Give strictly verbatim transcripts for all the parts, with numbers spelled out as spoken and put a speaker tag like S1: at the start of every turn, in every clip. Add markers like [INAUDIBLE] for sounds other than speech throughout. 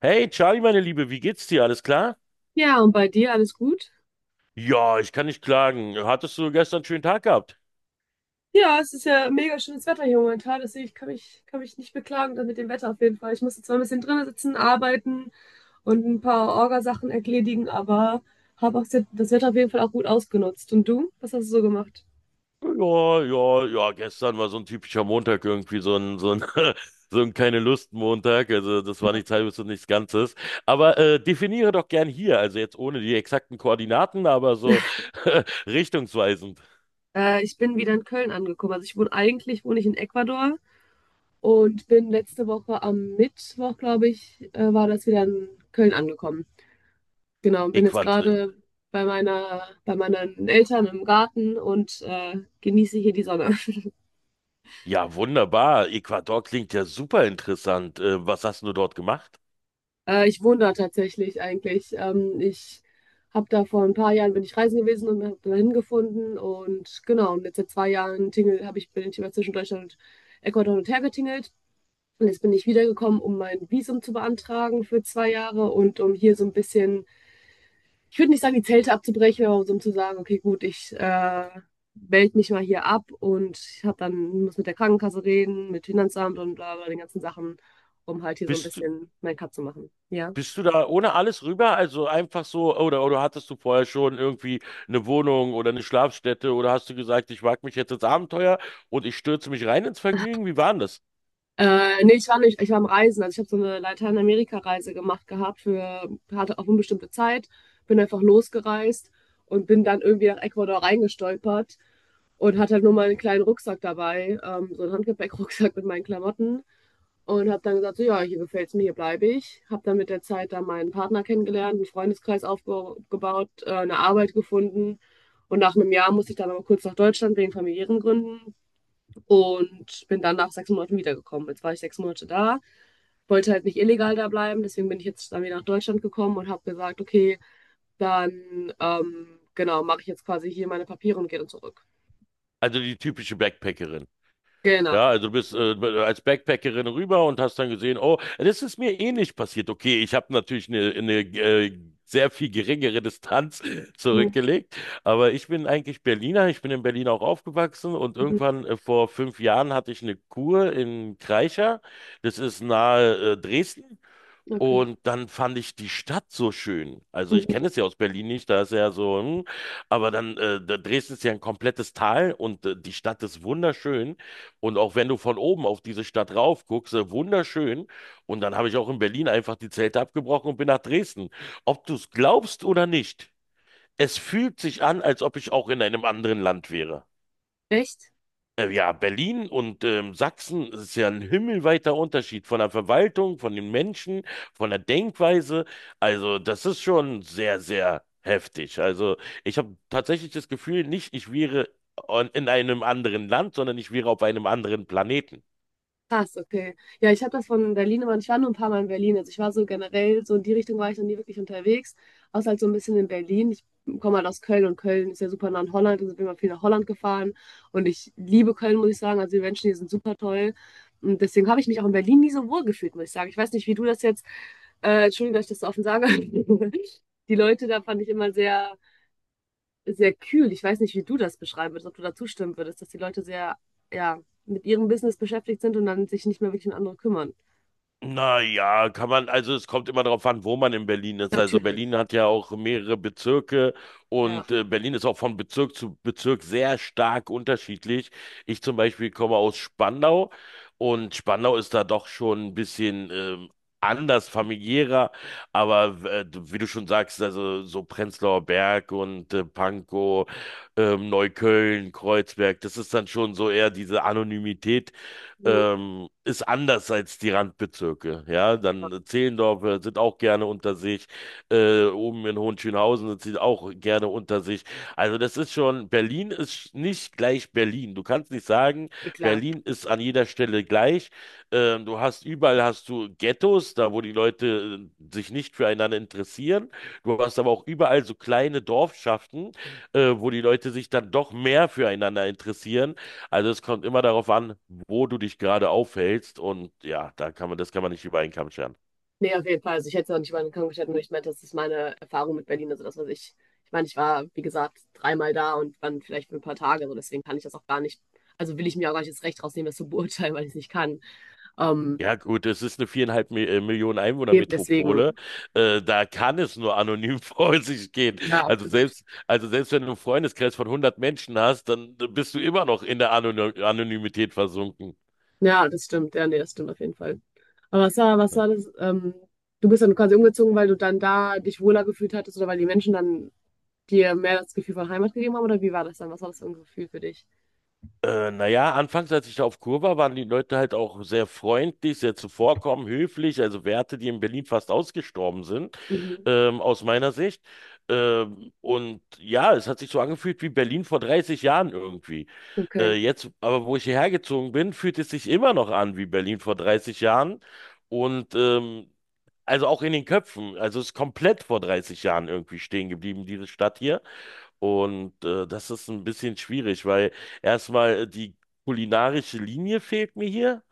S1: Hey, Charlie, meine Liebe, wie geht's dir? Alles klar?
S2: Ja, und bei dir alles gut?
S1: Ja, ich kann nicht klagen. Hattest du gestern einen schönen Tag gehabt?
S2: Ja, es ist ja mega schönes Wetter hier momentan, deswegen ich kann mich, kann mich nicht beklagen dann mit dem Wetter auf jeden Fall. Ich musste zwar ein bisschen drinnen sitzen, arbeiten und ein paar Orgasachen erledigen, aber habe auch se- das Wetter auf jeden Fall auch gut ausgenutzt. Und du? Was hast du so gemacht?
S1: Ja, ja, ja, gestern war so ein typischer Montag irgendwie, so ein, so ein, [LAUGHS] so ein keine Lust-Montag. Also das war nichts Halbes und nichts Ganzes. Aber äh, definiere doch gern hier, also jetzt ohne die exakten Koordinaten, aber so [LAUGHS] richtungsweisend.
S2: Äh, ich bin wieder in Köln angekommen. Also ich wohne eigentlich wohne ich in Ecuador. Und bin letzte letzte Woche am Mittwoch, glaube ich, äh, war das wieder in Köln angekommen. Genau, und bin jetzt
S1: Äquat
S2: gerade bei meiner, bei meinen Eltern im Garten und äh, genieße hier die Sonne. [LAUGHS]
S1: Ja, wunderbar. Ecuador klingt ja super interessant. Äh, was hast du dort gemacht?
S2: Äh, ich wohne da tatsächlich eigentlich. Ähm, ich habe da vor ein paar Jahren bin ich reisen gewesen und habe da hingefunden und genau, und jetzt seit zwei Jahren tingel, habe ich, bin ich immer zwischen Deutschland und Ecuador hin und her getingelt. Und jetzt bin ich wiedergekommen, um mein Visum zu beantragen für zwei Jahre und um hier so ein bisschen, ich würde nicht sagen, die Zelte abzubrechen, aber so um zu sagen, okay, gut, ich äh, melde mich mal hier ab und ich hab dann, muss mit der Krankenkasse reden, mit Finanzamt und bla bla, den ganzen Sachen, um halt hier so ein
S1: Bist du,
S2: bisschen mein Cut zu machen. Ja.
S1: Bist du da ohne alles rüber? Also einfach so, oder, oder hattest du vorher schon irgendwie eine Wohnung oder eine Schlafstätte oder hast du gesagt, ich wag mich jetzt ins Abenteuer und ich stürze mich rein ins Vergnügen? Wie war denn das?
S2: Äh, nee, ich war nicht, ich war am Reisen. Also ich habe so eine Lateinamerika-Reise gemacht gehabt für, hatte auf unbestimmte Zeit, bin einfach losgereist und bin dann irgendwie nach Ecuador reingestolpert und hatte halt nur meinen kleinen Rucksack dabei, ähm, so einen Handgepäckrucksack [LAUGHS] mit meinen Klamotten. Und habe dann gesagt, so, ja, hier gefällt es mir, hier bleibe ich. Habe dann mit der Zeit dann meinen Partner kennengelernt, einen Freundeskreis aufgebaut, äh, eine Arbeit gefunden. Und nach einem Jahr musste ich dann aber kurz nach Deutschland wegen familiären Gründen und bin dann nach sechs Monaten wiedergekommen. Jetzt war ich sechs Monate da, wollte halt nicht illegal da bleiben, deswegen bin ich jetzt dann wieder nach Deutschland gekommen und habe gesagt, okay, dann ähm, genau, mache ich jetzt quasi hier meine Papiere und gehe dann zurück.
S1: Also die typische Backpackerin.
S2: Genau.
S1: Ja, also du bist äh, als Backpackerin rüber und hast dann gesehen, oh, das ist mir ähnlich passiert. Okay, ich habe natürlich eine, eine äh, sehr viel geringere Distanz [LAUGHS]
S2: Mhm.
S1: zurückgelegt, aber ich bin eigentlich Berliner, ich bin in Berlin auch aufgewachsen und irgendwann äh, vor fünf Jahren hatte ich eine Kur in Kreischer, das ist nahe äh, Dresden.
S2: Okay.
S1: Und dann fand ich die Stadt so schön. Also ich
S2: Mhm.
S1: kenne es ja aus Berlin nicht, da ist ja so, hm, aber dann, äh, da- Dresden ist ja ein komplettes Tal und äh, die Stadt ist wunderschön. Und auch wenn du von oben auf diese Stadt rauf guckst, äh, wunderschön. Und dann habe ich auch in Berlin einfach die Zelte abgebrochen und bin nach Dresden. Ob du es glaubst oder nicht, es fühlt sich an, als ob ich auch in einem anderen Land wäre.
S2: Echt?
S1: Äh, Ja, Berlin und ähm, Sachsen, es ist ja ein himmelweiter Unterschied von der Verwaltung, von den Menschen, von der Denkweise. Also, das ist schon sehr, sehr heftig. Also, ich habe tatsächlich das Gefühl, nicht ich wäre on- in einem anderen Land, sondern ich wäre auf einem anderen Planeten.
S2: Krass, okay. Ja, ich habe das von Berlin, aber ich war nur ein paar Mal in Berlin. Also ich war so generell, so in die Richtung war ich noch nie wirklich unterwegs, außer halt so ein bisschen in Berlin. Ich komme halt aus Köln und Köln ist ja super nah an Holland, also bin mal viel nach Holland gefahren und ich liebe Köln, muss ich sagen. Also die Menschen hier sind super toll. Und deswegen habe ich mich auch in Berlin nie so wohl gefühlt, muss ich sagen. Ich weiß nicht, wie du das jetzt, äh, Entschuldigung, dass ich das so offen sage. [LAUGHS] Die Leute da fand ich immer sehr sehr kühl. Ich weiß nicht, wie du das beschreiben würdest, ob du da zustimmen würdest, dass die Leute sehr, ja, mit ihrem Business beschäftigt sind und dann sich nicht mehr wirklich um andere kümmern.
S1: Naja, kann man, also es kommt immer darauf an, wo man in Berlin ist. Also
S2: Natürlich.
S1: Berlin hat ja auch mehrere Bezirke
S2: Ja.
S1: und äh, Berlin ist auch von Bezirk zu Bezirk sehr stark unterschiedlich. Ich zum Beispiel komme aus Spandau und Spandau ist da doch schon ein bisschen ähm, anders, familiärer, aber äh, wie du schon sagst, also so Prenzlauer Berg und äh, Pankow, ähm, Neukölln, Kreuzberg, das ist dann schon so eher diese Anonymität,
S2: Mhm.
S1: ähm, ist anders als die Randbezirke. Ja, dann äh, Zehlendorf äh, sind auch gerne unter sich. Äh, oben in Hohenschönhausen sind sie auch gerne unter sich. Also das ist schon, Berlin ist nicht gleich Berlin. Du kannst nicht sagen,
S2: Ja, klar.
S1: Berlin ist an jeder Stelle gleich. Ähm, du hast überall hast du Ghettos, da wo die Leute äh, sich nicht füreinander interessieren. Du hast aber auch überall so kleine Dorfschaften, äh, wo die Leute sich dann doch mehr füreinander interessieren, also es kommt immer darauf an, wo du dich gerade aufhältst und ja, da kann man, das kann man nicht über einen Kamm scheren.
S2: Nee, auf jeden Fall. Also ich hätte es auch nicht über den Kamm gestellt, nur ich meinte, das ist meine Erfahrung mit Berlin. Also das, was ich, ich meine, ich war, wie gesagt, dreimal da und dann vielleicht für ein paar Tage. Also deswegen kann ich das auch gar nicht, also will ich mir auch gar nicht das Recht rausnehmen, das zu beurteilen, weil ich es nicht kann. Ähm,
S1: Ja gut, es ist eine viereinhalb Mi- äh, Millionen
S2: eben deswegen,
S1: Einwohner-Metropole. Äh, da kann es nur anonym [LAUGHS] vor sich gehen.
S2: ja,
S1: Also
S2: absolut.
S1: selbst, also selbst wenn du einen Freundeskreis von hundert Menschen hast, dann bist du immer noch in der Anony Anonymität versunken.
S2: Ja, das stimmt. Ja, nee, das stimmt auf jeden Fall. Aber was war, was war das? Ähm, du bist dann quasi umgezogen, weil du dann da dich wohler gefühlt hattest oder weil die Menschen dann dir mehr das Gefühl von Heimat gegeben haben? Oder wie war das dann? Was war das für ein Gefühl für dich?
S1: Äh, naja, anfangs, als ich da auf Kur war, waren die Leute halt auch sehr freundlich, sehr zuvorkommend, höflich, also Werte, die in Berlin fast ausgestorben sind,
S2: Mhm.
S1: ähm, aus meiner Sicht. Ähm, und ja, es hat sich so angefühlt wie Berlin vor dreißig Jahren irgendwie.
S2: Okay.
S1: Äh, jetzt, aber wo ich hierher gezogen bin, fühlt es sich immer noch an wie Berlin vor dreißig Jahren. Und ähm, also auch in den Köpfen. Also es ist komplett vor dreißig Jahren irgendwie stehen geblieben, diese Stadt hier. Und äh, das ist ein bisschen schwierig, weil erstmal äh, die kulinarische Linie fehlt mir hier.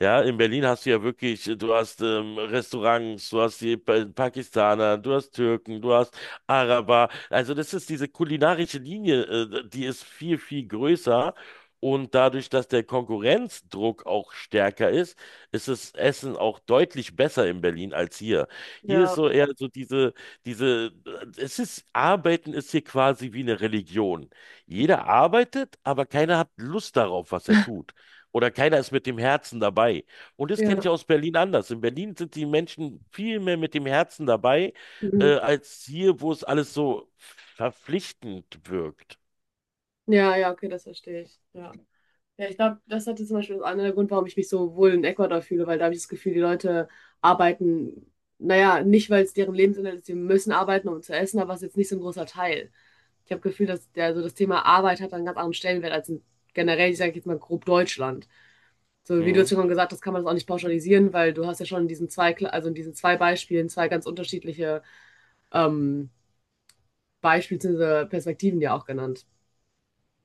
S1: Ja, in Berlin hast du ja wirklich, du hast ähm, Restaurants, du hast die Pa- Pakistaner, du hast Türken, du hast Araber. Also das ist diese kulinarische Linie, äh, die ist viel, viel größer. Und dadurch, dass der Konkurrenzdruck auch stärker ist, ist das Essen auch deutlich besser in Berlin als hier. Hier ist
S2: Ja,
S1: so eher so diese, diese, es ist, Arbeiten ist hier quasi wie eine Religion. Jeder arbeitet, aber keiner hat Lust darauf, was er tut. Oder keiner ist mit dem Herzen dabei. Und das kenne ich
S2: ja.
S1: aus Berlin anders. In Berlin sind die Menschen viel mehr mit dem Herzen dabei, äh,
S2: Mhm.
S1: als hier, wo es alles so verpflichtend wirkt.
S2: Ja, ja, okay, das verstehe ich. Ja. Ja, ich glaube, das hatte zum Beispiel einer der Grund, warum ich mich so wohl in Ecuador fühle, weil da habe ich das Gefühl, die Leute arbeiten, naja, nicht, weil es deren Lebensinhalt ist, sie müssen arbeiten, um zu essen, aber es ist jetzt nicht so ein großer Teil. Ich habe das Gefühl, dass der, so das Thema Arbeit hat einen ganz anderen Stellenwert als in, generell, ich sage jetzt mal grob Deutschland. So wie du jetzt
S1: Mhm.
S2: schon gesagt hast, kann man das auch nicht pauschalisieren, weil du hast ja schon in diesen zwei, Kla- also in diesen zwei Beispielen zwei ganz unterschiedliche ähm, Beispiele bzw. Perspektiven dir auch genannt.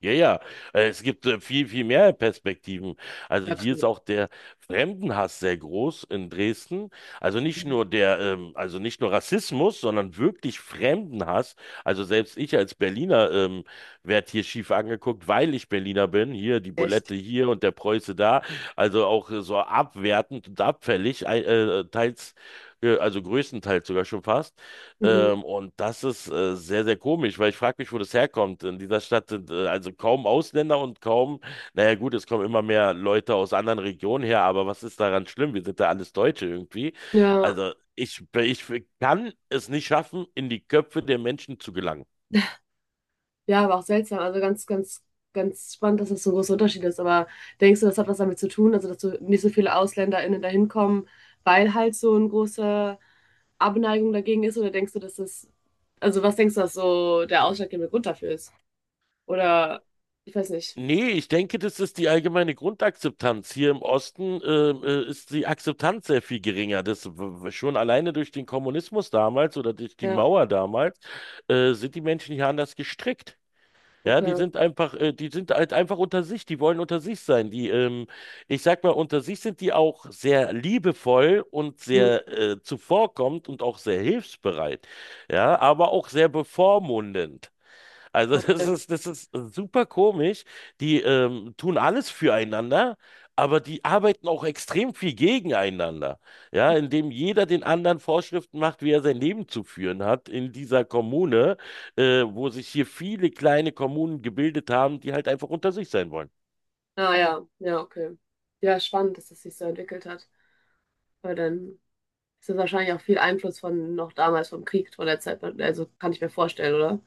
S1: Ja, ja, äh, es gibt äh, viel, viel mehr Perspektiven. Also hier ist
S2: Absolut.
S1: auch der Fremdenhass sehr groß in Dresden. Also nicht nur der, ähm, also nicht nur Rassismus, sondern wirklich Fremdenhass. Also selbst ich als Berliner ähm, werde hier schief angeguckt, weil ich Berliner bin. Hier die Bulette
S2: Echt.
S1: hier und der Preuße da. Also auch äh, so abwertend und abfällig, ei- äh, teils, äh, also größtenteils sogar schon fast.
S2: Mhm.
S1: Ähm, und das ist äh, sehr, sehr komisch, weil ich frage mich, wo das herkommt. In dieser Stadt sind äh, also kaum Ausländer und kaum, naja gut, es kommen immer mehr Leute aus anderen Regionen her, aber was ist daran schlimm? Wir sind ja alles Deutsche irgendwie.
S2: Ja.
S1: Also ich, ich kann es nicht schaffen, in die Köpfe der Menschen zu gelangen.
S2: Ja, aber auch seltsam. Also ganz, ganz, ganz spannend, dass das so ein großer Unterschied ist. Aber denkst du, das hat was damit zu tun, also dass so nicht so viele AusländerInnen da hinkommen, weil halt so eine große Abneigung dagegen ist? Oder denkst du, dass das, also was denkst du, dass so der ausschlaggebende Grund dafür ist? Oder ich weiß nicht.
S1: Nee, ich denke, das ist die allgemeine Grundakzeptanz. Hier im Osten äh, äh, ist die Akzeptanz sehr viel geringer. Das w- w- schon alleine durch den Kommunismus damals oder durch die
S2: Ja,
S1: Mauer damals äh, sind die Menschen hier anders gestrickt. Ja, die
S2: okay.
S1: sind einfach, äh, die sind halt einfach unter sich. Die wollen unter sich sein. Die, ähm, ich sag mal, unter sich sind die auch sehr liebevoll und
S2: Hm,
S1: sehr äh, zuvorkommend und auch sehr hilfsbereit. Ja, aber auch sehr bevormundend. Also das
S2: okay.
S1: ist, das ist super komisch. Die ähm, tun alles füreinander, aber die arbeiten auch extrem viel gegeneinander. Ja, indem jeder den anderen Vorschriften macht, wie er sein Leben zu führen hat in dieser Kommune, äh, wo sich hier viele kleine Kommunen gebildet haben, die halt einfach unter sich sein wollen.
S2: Ah ja, ja, okay. Ja, spannend, dass das sich so entwickelt hat. Weil dann ist das wahrscheinlich auch viel Einfluss von noch damals vom Krieg von der Zeit. Also kann ich mir vorstellen, oder?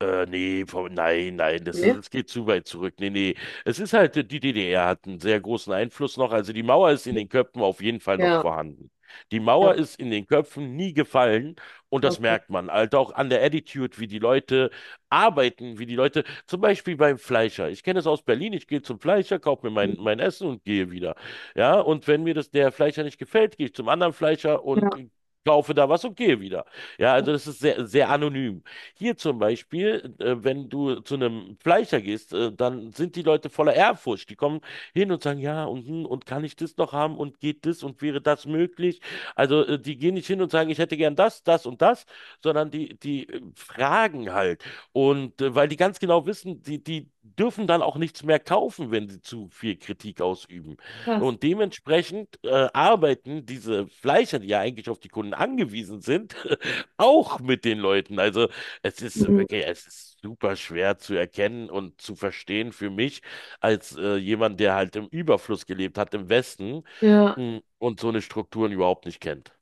S1: Äh, nee, vom- nein, nein, das ist,
S2: Nee?
S1: das geht zu weit zurück. Nee, nee. Es ist halt, die D D R hat einen sehr großen Einfluss noch. Also die Mauer ist in den Köpfen auf jeden Fall noch
S2: Ja,
S1: vorhanden. Die Mauer
S2: ja,
S1: ist in den Köpfen nie gefallen und das
S2: okay.
S1: merkt man. Halt auch an der Attitude, wie die Leute arbeiten, wie die Leute, zum Beispiel beim Fleischer. Ich kenne es aus Berlin, ich gehe zum Fleischer, kaufe mir mein, mein Essen und gehe wieder. Ja, und wenn mir das der Fleischer nicht gefällt, gehe ich zum anderen Fleischer und
S2: Ja,
S1: kaufe da was und gehe wieder. Ja,
S2: oh,
S1: also das ist sehr, sehr anonym. Hier zum Beispiel, äh, wenn du zu einem Fleischer gehst, äh, dann sind die Leute voller Ehrfurcht. Die kommen hin und sagen, ja, und, hm, und kann ich das noch haben und geht das und wäre das möglich? Also äh, die gehen nicht hin und sagen, ich hätte gern das, das und das, sondern die, die äh, fragen halt. Und äh, weil die ganz genau wissen, die, die dürfen dann auch nichts mehr kaufen, wenn sie zu viel Kritik ausüben.
S2: krass.
S1: Und dementsprechend äh, arbeiten diese Fleischer, die ja eigentlich auf die Kunden angewiesen sind, [LAUGHS] auch mit den Leuten. Also es ist
S2: Mhm.
S1: wirklich, es ist super schwer zu erkennen und zu verstehen für mich als äh, jemand, der halt im Überfluss gelebt hat im Westen,
S2: Ja.
S1: mh, und so eine Strukturen überhaupt nicht kennt.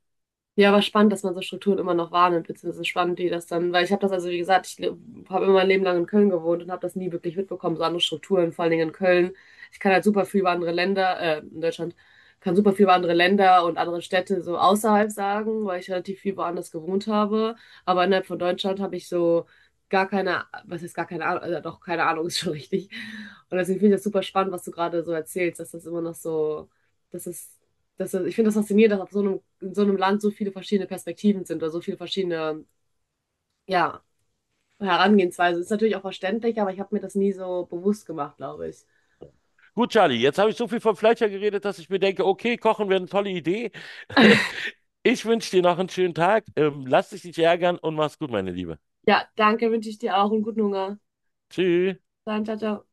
S2: Ja, aber spannend, dass man so Strukturen immer noch wahrnimmt, beziehungsweise spannend, die das dann, weil ich habe das also, wie gesagt, ich habe immer mein Leben lang in Köln gewohnt und habe das nie wirklich mitbekommen, so andere Strukturen, vor allen Dingen in Köln. Ich kann halt super viel über andere Länder, äh, in Deutschland, kann super viel über andere Länder und andere Städte so außerhalb sagen, weil ich relativ viel woanders gewohnt habe. Aber innerhalb von Deutschland habe ich so gar keine, was heißt gar keine Ahnung, also doch keine Ahnung, [LAUGHS] ist schon richtig. Und deswegen finde ich das super spannend, was du gerade so erzählst, dass das immer noch so, dass es das äh, ich finde das faszinierend, dass auf so einem, in so einem Land so viele verschiedene Perspektiven sind oder so viele verschiedene, ja, Herangehensweisen. Ist natürlich auch verständlich, aber ich habe mir das nie so bewusst gemacht, glaube ich.
S1: Gut, Charlie, jetzt habe ich so viel von Fleischer geredet, dass ich mir denke, okay, kochen wäre eine tolle Idee. [LAUGHS] Ich wünsche dir noch einen schönen Tag. Ähm, lass dich nicht ärgern und mach's gut, meine Liebe.
S2: Ja, danke, wünsche ich dir auch einen guten Hunger.
S1: Tschüss.
S2: Dann, ciao, ciao.